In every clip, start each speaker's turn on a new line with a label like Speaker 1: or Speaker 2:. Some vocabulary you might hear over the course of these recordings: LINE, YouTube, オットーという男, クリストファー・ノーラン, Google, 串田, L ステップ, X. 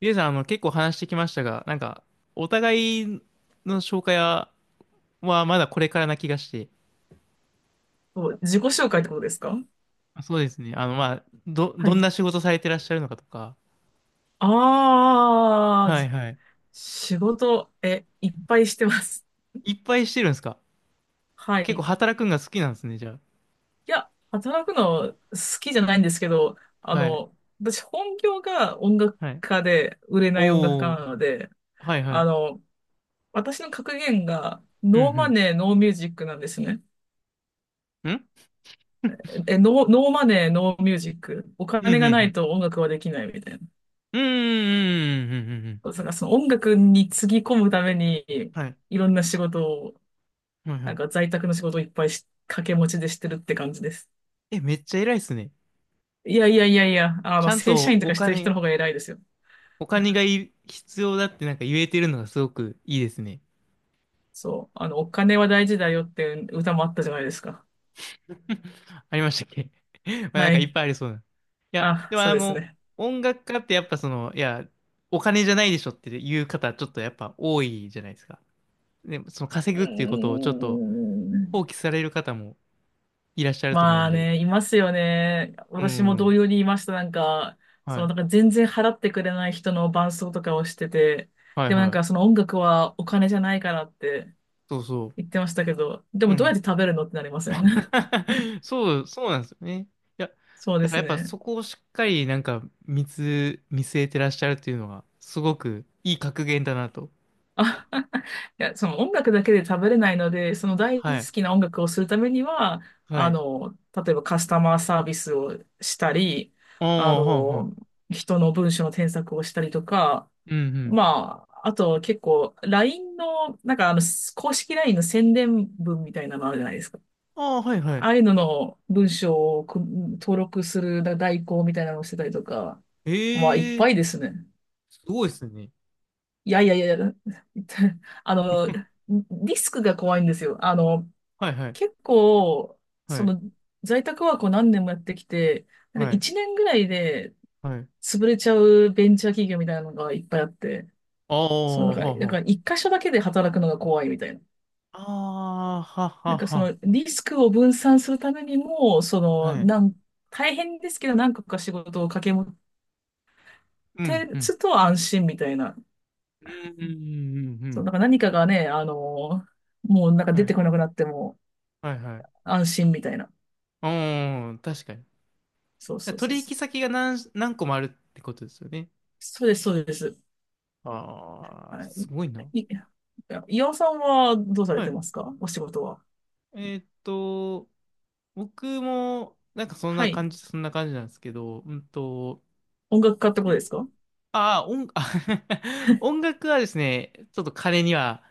Speaker 1: リエさん、結構話してきましたが、お互いの紹介は、まだこれからな気がして。
Speaker 2: そう、自己紹介ってことですか？
Speaker 1: あ、そうですね。あの、まあ、ど、
Speaker 2: は
Speaker 1: どん
Speaker 2: い。
Speaker 1: な仕事されてらっしゃるのかとか。
Speaker 2: ああ、
Speaker 1: はいはい。
Speaker 2: 仕事、いっぱいしてます。
Speaker 1: いっぱいしてるんですか？
Speaker 2: は
Speaker 1: 結構
Speaker 2: い。
Speaker 1: 働くんが好きなんですね、じゃあ。
Speaker 2: いや、働くの好きじゃないんですけど、あ
Speaker 1: はい。
Speaker 2: の、私本業が音楽
Speaker 1: はい。
Speaker 2: 家で、売れない音楽家
Speaker 1: おー。
Speaker 2: なので、
Speaker 1: はいは
Speaker 2: あ
Speaker 1: い。
Speaker 2: の、私の格言が、
Speaker 1: う
Speaker 2: ノーマ
Speaker 1: ん
Speaker 2: ネー、ノーミュージックなんですね。
Speaker 1: うん。ん
Speaker 2: ノーマネー、ノーミュージック。お
Speaker 1: うんう
Speaker 2: 金
Speaker 1: んう
Speaker 2: がない
Speaker 1: ん。
Speaker 2: と音楽はできないみたいな。
Speaker 1: うんうんうんうんうんうんうん。
Speaker 2: だからその音楽につぎ込むために、
Speaker 1: はい。
Speaker 2: いろんな仕事を
Speaker 1: はいは
Speaker 2: なんか
Speaker 1: い。
Speaker 2: 在宅の仕事をいっぱい掛け持ちでしてるって感じです。
Speaker 1: え、めっちゃ偉いっすね。
Speaker 2: いやいやいやいや、あ
Speaker 1: ち
Speaker 2: の、
Speaker 1: ゃん
Speaker 2: 正
Speaker 1: と
Speaker 2: 社員と
Speaker 1: お
Speaker 2: かしてる人の
Speaker 1: 金、
Speaker 2: 方が偉いですよ。
Speaker 1: お金が必要だって言えてるのがすごくいいですね。
Speaker 2: そう。あの、お金は大事だよっていう歌もあったじゃないですか。
Speaker 1: ありましたっけ？ まあ
Speaker 2: は
Speaker 1: いっ
Speaker 2: い。
Speaker 1: ぱいありそうな。いや、
Speaker 2: あ、
Speaker 1: でも
Speaker 2: そう
Speaker 1: あ
Speaker 2: です
Speaker 1: の、
Speaker 2: ね。
Speaker 1: 音楽家ってやっぱお金じゃないでしょっていう方、ちょっとやっぱ多いじゃないですか。で、その稼
Speaker 2: う
Speaker 1: ぐっていうことをちょっと
Speaker 2: ー
Speaker 1: 放
Speaker 2: ん。
Speaker 1: 棄される方もいらっしゃると思う
Speaker 2: ま
Speaker 1: ん
Speaker 2: あ
Speaker 1: で。
Speaker 2: ね、いますよね。
Speaker 1: う
Speaker 2: 私も同
Speaker 1: ん。
Speaker 2: 様にいました。なんか、そ
Speaker 1: は
Speaker 2: の、な
Speaker 1: い。
Speaker 2: んか全然払ってくれない人の伴奏とかをしてて、
Speaker 1: はい
Speaker 2: でもなん
Speaker 1: は
Speaker 2: かそ
Speaker 1: い。
Speaker 2: の音楽はお金じゃないからって
Speaker 1: そうそ
Speaker 2: 言ってましたけど、で
Speaker 1: う。う
Speaker 2: もどうや
Speaker 1: ん。
Speaker 2: って食べるのってなりません？
Speaker 1: そう、そうなんですよね。いや、だか
Speaker 2: そうで
Speaker 1: ら
Speaker 2: す
Speaker 1: やっぱ
Speaker 2: ね。
Speaker 1: そこをしっかり見据えてらっしゃるっていうのが、すごくいい格言だなと。
Speaker 2: あ いや、その音楽だけで食べれないので、その大
Speaker 1: はい。
Speaker 2: 好きな音楽をするためには、
Speaker 1: は
Speaker 2: あ
Speaker 1: い。
Speaker 2: の、例えばカスタマーサービスをしたり、
Speaker 1: あ
Speaker 2: あ
Speaker 1: あ、はんはん、
Speaker 2: の、人の文章の添削をしたりとか、
Speaker 1: うんうん。
Speaker 2: まあ、あと結構 LINE の、なんかあの、公式 LINE の宣伝文みたいなのあるじゃないですか。
Speaker 1: ああ、はいはい。
Speaker 2: ああいうのの文章を登録する代行みたいなのをしてたりとか、まあ、いっ
Speaker 1: え
Speaker 2: ぱいで
Speaker 1: え、
Speaker 2: すね。
Speaker 1: すごいっすね。
Speaker 2: いやいやいやいや、あの、リスクが怖いんですよ。あの、
Speaker 1: はいはい。
Speaker 2: 結構、そ
Speaker 1: はい。
Speaker 2: の、在宅ワークを何年もやってきて、なん
Speaker 1: は
Speaker 2: か
Speaker 1: い。
Speaker 2: 1年ぐらいで
Speaker 1: はい。
Speaker 2: 潰れちゃうベンチャー企業みたいなのがいっぱいあって、
Speaker 1: あ
Speaker 2: その、
Speaker 1: あ、
Speaker 2: だか
Speaker 1: は
Speaker 2: ら、
Speaker 1: あ
Speaker 2: だ
Speaker 1: は
Speaker 2: から1箇所だけで働くのが怖いみたいな。
Speaker 1: あ。ああ、は
Speaker 2: なん
Speaker 1: は
Speaker 2: かその、
Speaker 1: は
Speaker 2: リスクを分散するためにも、そ
Speaker 1: あ。
Speaker 2: の、
Speaker 1: はい。
Speaker 2: 大変ですけど何個か仕事を掛け持っ
Speaker 1: うん、
Speaker 2: て
Speaker 1: うん。
Speaker 2: つと安心みたいな。
Speaker 1: うん、うん、うん、う
Speaker 2: そう、
Speaker 1: ん。
Speaker 2: なんか何かがね、あの、もうなんか
Speaker 1: は
Speaker 2: 出
Speaker 1: い。
Speaker 2: てこなくなっても、
Speaker 1: はいはいはい、
Speaker 2: 安心みたいな。
Speaker 1: ああはあはあ、ああははは、はい、うん、確かに。
Speaker 2: そうそうそう
Speaker 1: 取
Speaker 2: そ
Speaker 1: 引
Speaker 2: う。
Speaker 1: 先が何個もあるってことですよね。
Speaker 2: そうです、そうです。
Speaker 1: ああ、
Speaker 2: は
Speaker 1: す
Speaker 2: い。
Speaker 1: ごいな。
Speaker 2: い、い岩尾さんはどうされ
Speaker 1: は
Speaker 2: て
Speaker 1: い。
Speaker 2: ますか？お仕事は？
Speaker 1: えーっと、僕も、
Speaker 2: はい。
Speaker 1: そんな感じなんですけど、
Speaker 2: 音楽家ってことですか？
Speaker 1: ああ、あ、音楽はですね、ちょっと彼には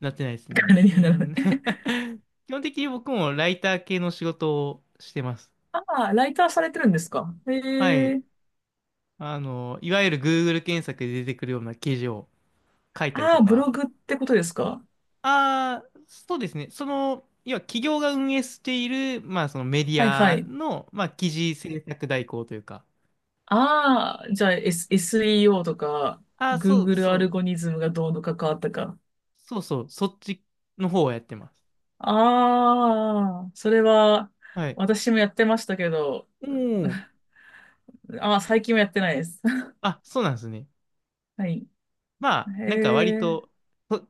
Speaker 1: なってないです ね。
Speaker 2: 金
Speaker 1: う
Speaker 2: にはならない。
Speaker 1: ん。 基本的に僕もライター系の仕事をしてます。
Speaker 2: ああ、ライターされてるんですか？へ
Speaker 1: はい。
Speaker 2: え。
Speaker 1: いわゆる Google 検索で出てくるような記事を書いたり
Speaker 2: あ
Speaker 1: と
Speaker 2: あ、ブロ
Speaker 1: か。
Speaker 2: グってことですか？
Speaker 1: ああ、そうですね。その、要は企業が運営している、まあそのメディ
Speaker 2: はいは
Speaker 1: ア
Speaker 2: い。
Speaker 1: の、まあ記事制作代行というか。
Speaker 2: ああ、じゃあ、S、e o とか、
Speaker 1: ああ、そう
Speaker 2: Google
Speaker 1: そ
Speaker 2: アル
Speaker 1: う。
Speaker 2: ゴリズムがどうの関わったか。
Speaker 1: そうそう。そっちの方をやってます。
Speaker 2: ああ、それは、
Speaker 1: はい。
Speaker 2: 私もやってましたけど、
Speaker 1: おお。
Speaker 2: ああ、最近はやってないです。
Speaker 1: あ、そうなんですね。
Speaker 2: はい。
Speaker 1: まあ、
Speaker 2: へ
Speaker 1: 割
Speaker 2: え、
Speaker 1: と、と、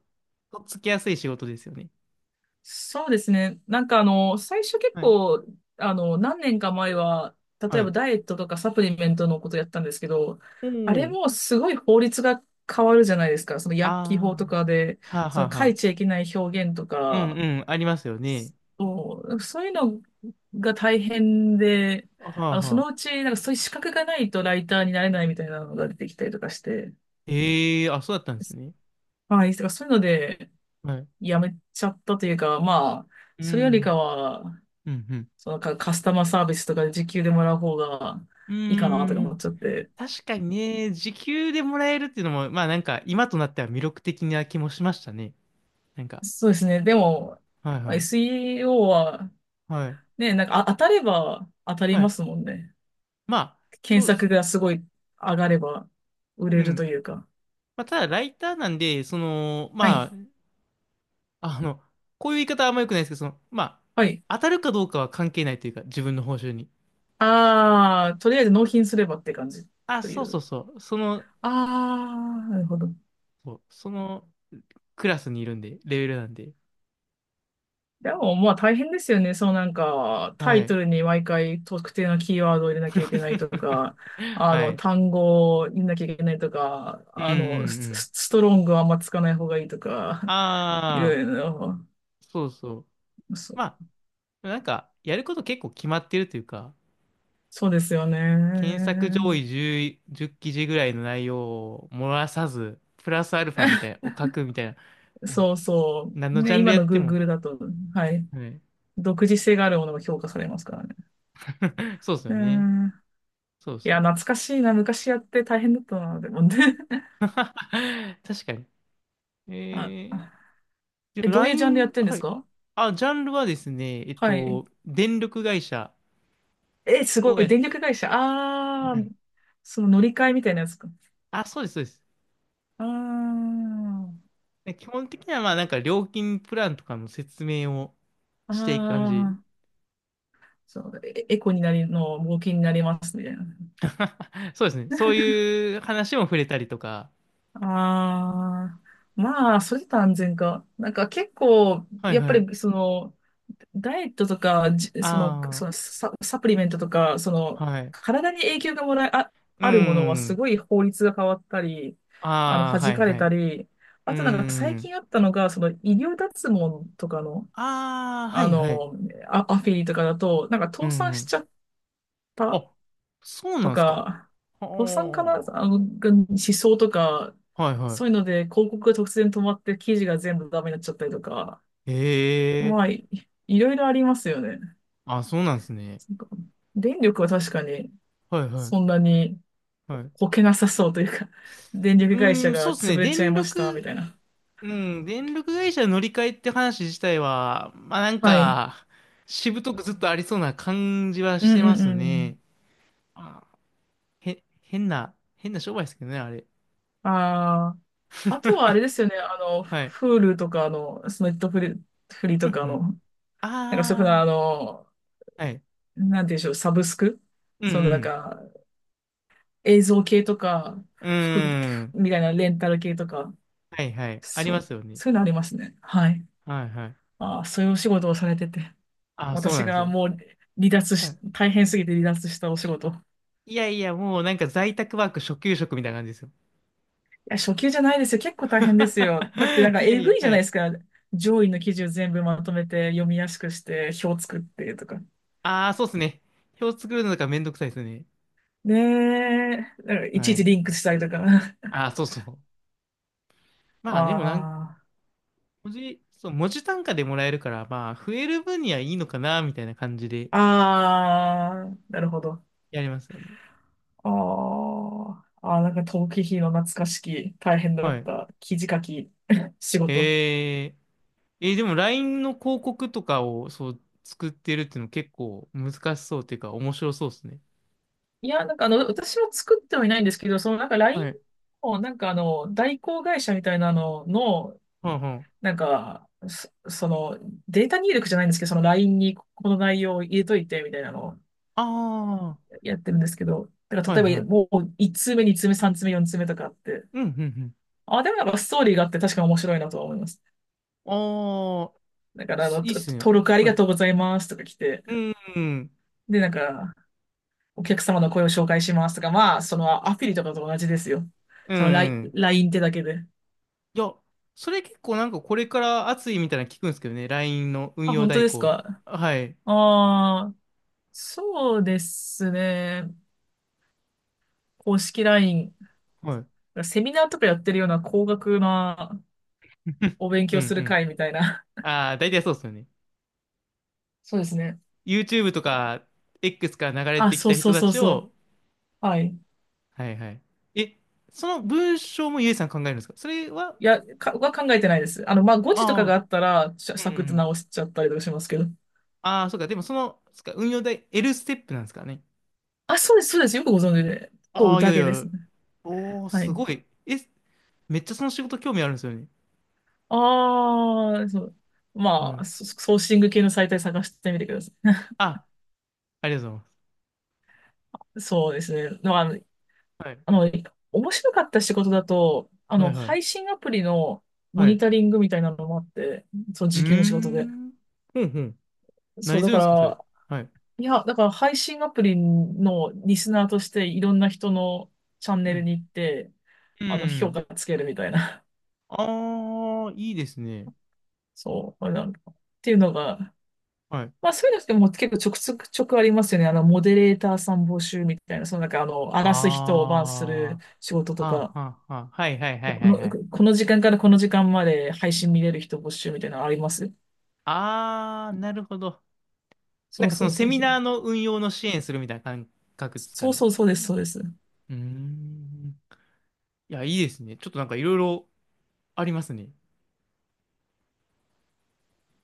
Speaker 1: っつきやすい仕事ですよね。
Speaker 2: そうですね。なんかあの、最初結
Speaker 1: はい。
Speaker 2: 構、あの、何年か前は、例
Speaker 1: は
Speaker 2: えば
Speaker 1: い。
Speaker 2: ダイエットとかサプリメントのことやったんですけど、
Speaker 1: う
Speaker 2: あれ
Speaker 1: ん。
Speaker 2: もすごい法律が変わるじゃないですか。その
Speaker 1: あ
Speaker 2: 薬機法と
Speaker 1: あ、
Speaker 2: かで、
Speaker 1: はあは
Speaker 2: そ
Speaker 1: あ
Speaker 2: の
Speaker 1: は
Speaker 2: 書いちゃい
Speaker 1: あ。
Speaker 2: けない表現と
Speaker 1: うん
Speaker 2: か、
Speaker 1: うん、ありますよね。
Speaker 2: そうそういうのが大変で、
Speaker 1: はあ
Speaker 2: あの、そ
Speaker 1: は
Speaker 2: のう
Speaker 1: あ。
Speaker 2: ち、なんかそういう資格がないとライターになれないみたいなのが出てきたりとかして、
Speaker 1: ええ、あ、そうだったんですね。
Speaker 2: はい、だからそういうので、
Speaker 1: はい。
Speaker 2: やめちゃったというか、まあ、
Speaker 1: う
Speaker 2: それよりか
Speaker 1: ん。
Speaker 2: は、
Speaker 1: うん
Speaker 2: そのカスタマーサービスとかで時給でもらう方が
Speaker 1: うん。
Speaker 2: いいかなとか
Speaker 1: うー
Speaker 2: 思
Speaker 1: ん。
Speaker 2: っちゃって。
Speaker 1: 確かにね、時給でもらえるっていうのも、まあ今となっては魅力的な気もしましたね。なんか。
Speaker 2: そうですね。でも、
Speaker 1: はい
Speaker 2: まあ
Speaker 1: はい。
Speaker 2: SEO は、
Speaker 1: はい。
Speaker 2: ね、なんか当たれば当たり
Speaker 1: は
Speaker 2: ま
Speaker 1: い。
Speaker 2: すもんね。
Speaker 1: まあ、
Speaker 2: 検
Speaker 1: そうで
Speaker 2: 索
Speaker 1: す
Speaker 2: が
Speaker 1: ね。
Speaker 2: すごい上がれば売
Speaker 1: う
Speaker 2: れる
Speaker 1: ん。
Speaker 2: というか。
Speaker 1: まあ、ただ、ライターなんで、
Speaker 2: はい。
Speaker 1: あの、こういう言い方はあんま良くないですけど、
Speaker 2: はい。
Speaker 1: 当たるかどうかは関係ないというか、自分の報酬に。
Speaker 2: ああ、とりあえず納品すればって感じ
Speaker 1: あ、
Speaker 2: とい
Speaker 1: そうそう
Speaker 2: う。
Speaker 1: そう。
Speaker 2: ああ、なるほど。
Speaker 1: そのクラスにいるんで、レベルなんで。
Speaker 2: でも、まあ大変ですよね。そうなんか、タ
Speaker 1: は
Speaker 2: イ
Speaker 1: い。
Speaker 2: トルに毎回特定のキーワードを入れなきゃいけないとか、あ
Speaker 1: は
Speaker 2: の、
Speaker 1: い。
Speaker 2: 単語を入れなきゃいけないとか、
Speaker 1: うんうん
Speaker 2: あ
Speaker 1: う
Speaker 2: の、
Speaker 1: ん。
Speaker 2: ストロングはあんまつかない方がいいとか、いろ
Speaker 1: ああ、
Speaker 2: いろ、
Speaker 1: そうそう。
Speaker 2: そ、
Speaker 1: まあ、やること結構決まってるというか、
Speaker 2: そうですよ
Speaker 1: 検索上位
Speaker 2: ね。
Speaker 1: 10、じゅう記事ぐらいの内容を漏らさず、プラスアルファみたい な、を書くみたいな、こ
Speaker 2: そうそ
Speaker 1: う、何
Speaker 2: う。
Speaker 1: のジ
Speaker 2: ね、
Speaker 1: ャンル
Speaker 2: 今
Speaker 1: やっ
Speaker 2: の
Speaker 1: ても、
Speaker 2: Google だと、はい。
Speaker 1: はい。
Speaker 2: 独自性があるものが評価されますからね。
Speaker 1: そうですよ
Speaker 2: う
Speaker 1: ね。
Speaker 2: ん。
Speaker 1: そう
Speaker 2: い
Speaker 1: そ
Speaker 2: や、
Speaker 1: う。
Speaker 2: 懐かしいな。昔やって大変だったな、でもね。
Speaker 1: 確かに。
Speaker 2: あ、
Speaker 1: え
Speaker 2: あ
Speaker 1: で、
Speaker 2: え、どういうジャンルやっ
Speaker 1: LINE、
Speaker 2: てるんで
Speaker 1: は
Speaker 2: す
Speaker 1: い。
Speaker 2: か？
Speaker 1: あ、ジャンルはですね、
Speaker 2: はい。
Speaker 1: 電力会社
Speaker 2: え、すご
Speaker 1: を
Speaker 2: い。
Speaker 1: やっ、
Speaker 2: 電力会社。ああ、
Speaker 1: はい。
Speaker 2: その乗り換えみたいなやつか。
Speaker 1: あ、そうです、そうです。
Speaker 2: あ
Speaker 1: で基本的には、まあ、料金プランとかの説明を
Speaker 2: あ、あ
Speaker 1: していく感じ。
Speaker 2: あ、そう、エエコになりの、冒険になりますみたいな。
Speaker 1: そうですね。そういう話も触れたりとか。
Speaker 2: ああ、まあ、それと安全か。なんか結構、
Speaker 1: はい、
Speaker 2: やっぱ
Speaker 1: はい。
Speaker 2: りその、ダイエットとか、その、
Speaker 1: あ
Speaker 2: そのサプリメントとか、そ
Speaker 1: あ、
Speaker 2: の、
Speaker 1: はい。
Speaker 2: 体に影響がもらいあ、
Speaker 1: う
Speaker 2: あるものはす
Speaker 1: ん。
Speaker 2: ごい法律が変わったり、あの、
Speaker 1: ああ、は
Speaker 2: 弾
Speaker 1: い、
Speaker 2: かれ
Speaker 1: は
Speaker 2: た
Speaker 1: い。
Speaker 2: り、あ
Speaker 1: う
Speaker 2: となんか最
Speaker 1: ん。
Speaker 2: 近あったのが、その医療脱毛とかの、
Speaker 1: ああ、は
Speaker 2: あ
Speaker 1: い、はい。
Speaker 2: の、アフィリとかだと、なんか
Speaker 1: う
Speaker 2: 倒産し
Speaker 1: ん。
Speaker 2: ちゃった。
Speaker 1: あ、そうな
Speaker 2: と
Speaker 1: んですか？
Speaker 2: か、倒産かな
Speaker 1: は
Speaker 2: あの、が思想とか、
Speaker 1: あ。はい、は
Speaker 2: そういう
Speaker 1: い。
Speaker 2: ので広告が突然止まって記事が全部ダメになっちゃったりとか、
Speaker 1: へ
Speaker 2: ま
Speaker 1: え。
Speaker 2: あ、いろいろありますよね。
Speaker 1: あ、そうなんですね。
Speaker 2: なんか電力は確かに
Speaker 1: はいは
Speaker 2: そん
Speaker 1: い。
Speaker 2: なに
Speaker 1: はい。
Speaker 2: こけなさそうというか、電力会
Speaker 1: うー
Speaker 2: 社
Speaker 1: ん、
Speaker 2: が
Speaker 1: そうです
Speaker 2: 潰
Speaker 1: ね。
Speaker 2: れちゃい
Speaker 1: 電
Speaker 2: ました、み
Speaker 1: 力、
Speaker 2: たいな。
Speaker 1: うん、電力会社の乗り換えって話自体は、まあ
Speaker 2: はい。
Speaker 1: しぶとくずっとありそうな感じは
Speaker 2: うん
Speaker 1: してま
Speaker 2: うん
Speaker 1: す
Speaker 2: うん。
Speaker 1: ね。あ、へ、変な、変な商売ですけどね、あれ。
Speaker 2: ああ、あとはあれ ですよね、あの、
Speaker 1: はい。
Speaker 2: Hulu とかの、そのネットフリ、フリ
Speaker 1: う
Speaker 2: と
Speaker 1: んう
Speaker 2: かの、
Speaker 1: ん。
Speaker 2: なんかそういうふうな、
Speaker 1: あ
Speaker 2: あの、
Speaker 1: あ、はい。
Speaker 2: なんていうんでしょう、サブスク
Speaker 1: う
Speaker 2: そのなん
Speaker 1: ん
Speaker 2: か、映像系とか、
Speaker 1: うん。
Speaker 2: 服
Speaker 1: うーん。
Speaker 2: みたいなレンタル系とか、
Speaker 1: はいはい。あり
Speaker 2: そ
Speaker 1: ま
Speaker 2: う、
Speaker 1: すよね。
Speaker 2: そういうのありますね。はい。
Speaker 1: はいはい。
Speaker 2: ああ、そういうお仕事をされてて。
Speaker 1: あ、そうな
Speaker 2: 私
Speaker 1: んです
Speaker 2: が
Speaker 1: よ。
Speaker 2: もう離脱
Speaker 1: は
Speaker 2: し、
Speaker 1: い。
Speaker 2: 大変すぎて離脱したお仕事。い
Speaker 1: いやいや、もう在宅ワーク初級職みたいな感じですよ。
Speaker 2: や、初級じゃないですよ。結構大変ですよ。だってなん か
Speaker 1: いや
Speaker 2: え
Speaker 1: いや、
Speaker 2: ぐいじゃ
Speaker 1: は
Speaker 2: ないで
Speaker 1: い。
Speaker 2: すか。上位の記事を全部まとめて読みやすくして表作ってとか。
Speaker 1: ああ、そうっすね。表作るのがめんどくさいですね。
Speaker 2: ねえ、なんかいち
Speaker 1: は
Speaker 2: いち
Speaker 1: い。
Speaker 2: リンクしたりとか。
Speaker 1: ああ、そうそう。まあでも
Speaker 2: あ
Speaker 1: 文字単価でもらえるから、まあ、増える分にはいいのかな、みたいな感じで
Speaker 2: あ、ああ、なるほど。
Speaker 1: やりますよね。
Speaker 2: ああ、ああ、なんか逃避費の懐かしき、大変だ
Speaker 1: は
Speaker 2: っ
Speaker 1: い。
Speaker 2: た記事書き 仕事。
Speaker 1: えー、でも LINE の広告とかを、そう、作ってるっていうの結構難しそうっていうか、面白そうですね。
Speaker 2: いや、なんかあの、私も作ってはいないんですけど、そのなんか
Speaker 1: は
Speaker 2: LINE
Speaker 1: い。
Speaker 2: の、なんかあの、代行会社みたいなのの、
Speaker 1: はいはい。
Speaker 2: なんか、その、データ入力じゃないんですけど、その LINE にこの内容を入れといて、みたいなのを
Speaker 1: ああ、
Speaker 2: やってるんですけど、だか
Speaker 1: はい
Speaker 2: ら例え
Speaker 1: は
Speaker 2: ば
Speaker 1: い。
Speaker 2: もう1通目、2通目、3通目、4通目とかあって、
Speaker 1: うん、うん、うん。
Speaker 2: あ、でもなんかストーリーがあって確かに面白いなとは思います。
Speaker 1: ああ、
Speaker 2: だからあの、
Speaker 1: いいっすね。
Speaker 2: 登録あり
Speaker 1: は
Speaker 2: が
Speaker 1: い。
Speaker 2: とうございますとか来て、
Speaker 1: うん。
Speaker 2: で、なんか、お客様の声を紹介しますとか、まあ、そのアフィリとかと同じですよ。
Speaker 1: う
Speaker 2: その
Speaker 1: ん。
Speaker 2: LINE ってだけで。
Speaker 1: いや、それ結構これから熱いみたいなの聞くんですけどね。LINE の運
Speaker 2: あ、
Speaker 1: 用
Speaker 2: 本当
Speaker 1: 代
Speaker 2: です
Speaker 1: 行。
Speaker 2: か？
Speaker 1: はい。
Speaker 2: ああ、そうですね。公式 LINE。
Speaker 1: はい。
Speaker 2: セミナーとかやってるような高額なお勉
Speaker 1: うん
Speaker 2: 強
Speaker 1: う
Speaker 2: する
Speaker 1: ん。
Speaker 2: 会みたいな。
Speaker 1: ああ、大体そうですよね。
Speaker 2: そうですね。
Speaker 1: YouTube とか X から流れ
Speaker 2: あ、
Speaker 1: てき
Speaker 2: そう
Speaker 1: た
Speaker 2: そ
Speaker 1: 人
Speaker 2: う
Speaker 1: た
Speaker 2: そう
Speaker 1: ち
Speaker 2: そ
Speaker 1: を、
Speaker 2: う。はい。
Speaker 1: はいはい。え、その文章もゆえさん考えるんですか？それは、
Speaker 2: いや、は考えてないです。あの、まあ、誤字とかが
Speaker 1: ああ、
Speaker 2: あったら、
Speaker 1: う
Speaker 2: サ
Speaker 1: ん
Speaker 2: ク
Speaker 1: う
Speaker 2: ッと
Speaker 1: ん。
Speaker 2: 直しちゃったりとかしますけど。
Speaker 1: ああ、そうか。でもその、そっか、運用代 L ステップなんですかね。
Speaker 2: あ、そうです、そうです。よくご存知で。と、
Speaker 1: ああ、いやい
Speaker 2: 宴で
Speaker 1: や。
Speaker 2: すね。
Speaker 1: おー、
Speaker 2: は
Speaker 1: す
Speaker 2: い。
Speaker 1: ごい。え、めっちゃその仕事興味あるんですよね。
Speaker 2: ああ、そう。
Speaker 1: は
Speaker 2: まあ、
Speaker 1: い。
Speaker 2: ソーシング系のサイトで探してみてくださ
Speaker 1: あ、ありがとうご
Speaker 2: い。そうですね。まあ、
Speaker 1: ざいま
Speaker 2: あ
Speaker 1: す。
Speaker 2: の面白かった仕事だと、あ
Speaker 1: はい。は
Speaker 2: の、
Speaker 1: いは
Speaker 2: 配
Speaker 1: い。
Speaker 2: 信アプリのモ
Speaker 1: は
Speaker 2: ニ
Speaker 1: い。
Speaker 2: タリングみたいなのもあって、そう、
Speaker 1: うー
Speaker 2: 時給の仕事で。
Speaker 1: ん。ほんほん。
Speaker 2: そう、
Speaker 1: 何す
Speaker 2: だ
Speaker 1: る
Speaker 2: か
Speaker 1: んですか、それ。
Speaker 2: ら、
Speaker 1: はい。
Speaker 2: いや、だから配信アプリのリスナーとしていろんな人のチャン
Speaker 1: う
Speaker 2: ネル
Speaker 1: ん。
Speaker 2: に行って、
Speaker 1: う
Speaker 2: あの、評
Speaker 1: ん。
Speaker 2: 価つけるみたいな。
Speaker 1: ああ、いいですね。
Speaker 2: そう、あれなんかっていうのが
Speaker 1: はい。
Speaker 2: まあそういうのってもう結構ちょくちょくちょくありますよね。あの、モデレーターさん募集みたいな、そのなんかあの、荒らす人をバンする
Speaker 1: あ
Speaker 2: 仕事
Speaker 1: あ、
Speaker 2: と
Speaker 1: は
Speaker 2: か、
Speaker 1: あ、はあ、はあ。はいはいはい
Speaker 2: こ
Speaker 1: は
Speaker 2: の、
Speaker 1: いはい。
Speaker 2: この時間からこの時間まで配信見れる人募集みたいなのあります
Speaker 1: ああ、なるほど。
Speaker 2: そう
Speaker 1: そ
Speaker 2: そ
Speaker 1: の
Speaker 2: う
Speaker 1: セ
Speaker 2: そう
Speaker 1: ミ
Speaker 2: そう。
Speaker 1: ナーの運用の支援するみたいな感覚ですか
Speaker 2: そう
Speaker 1: ね。
Speaker 2: そうそうです、そうです。
Speaker 1: うーん。いや、いいですね。ちょっといろいろありますね。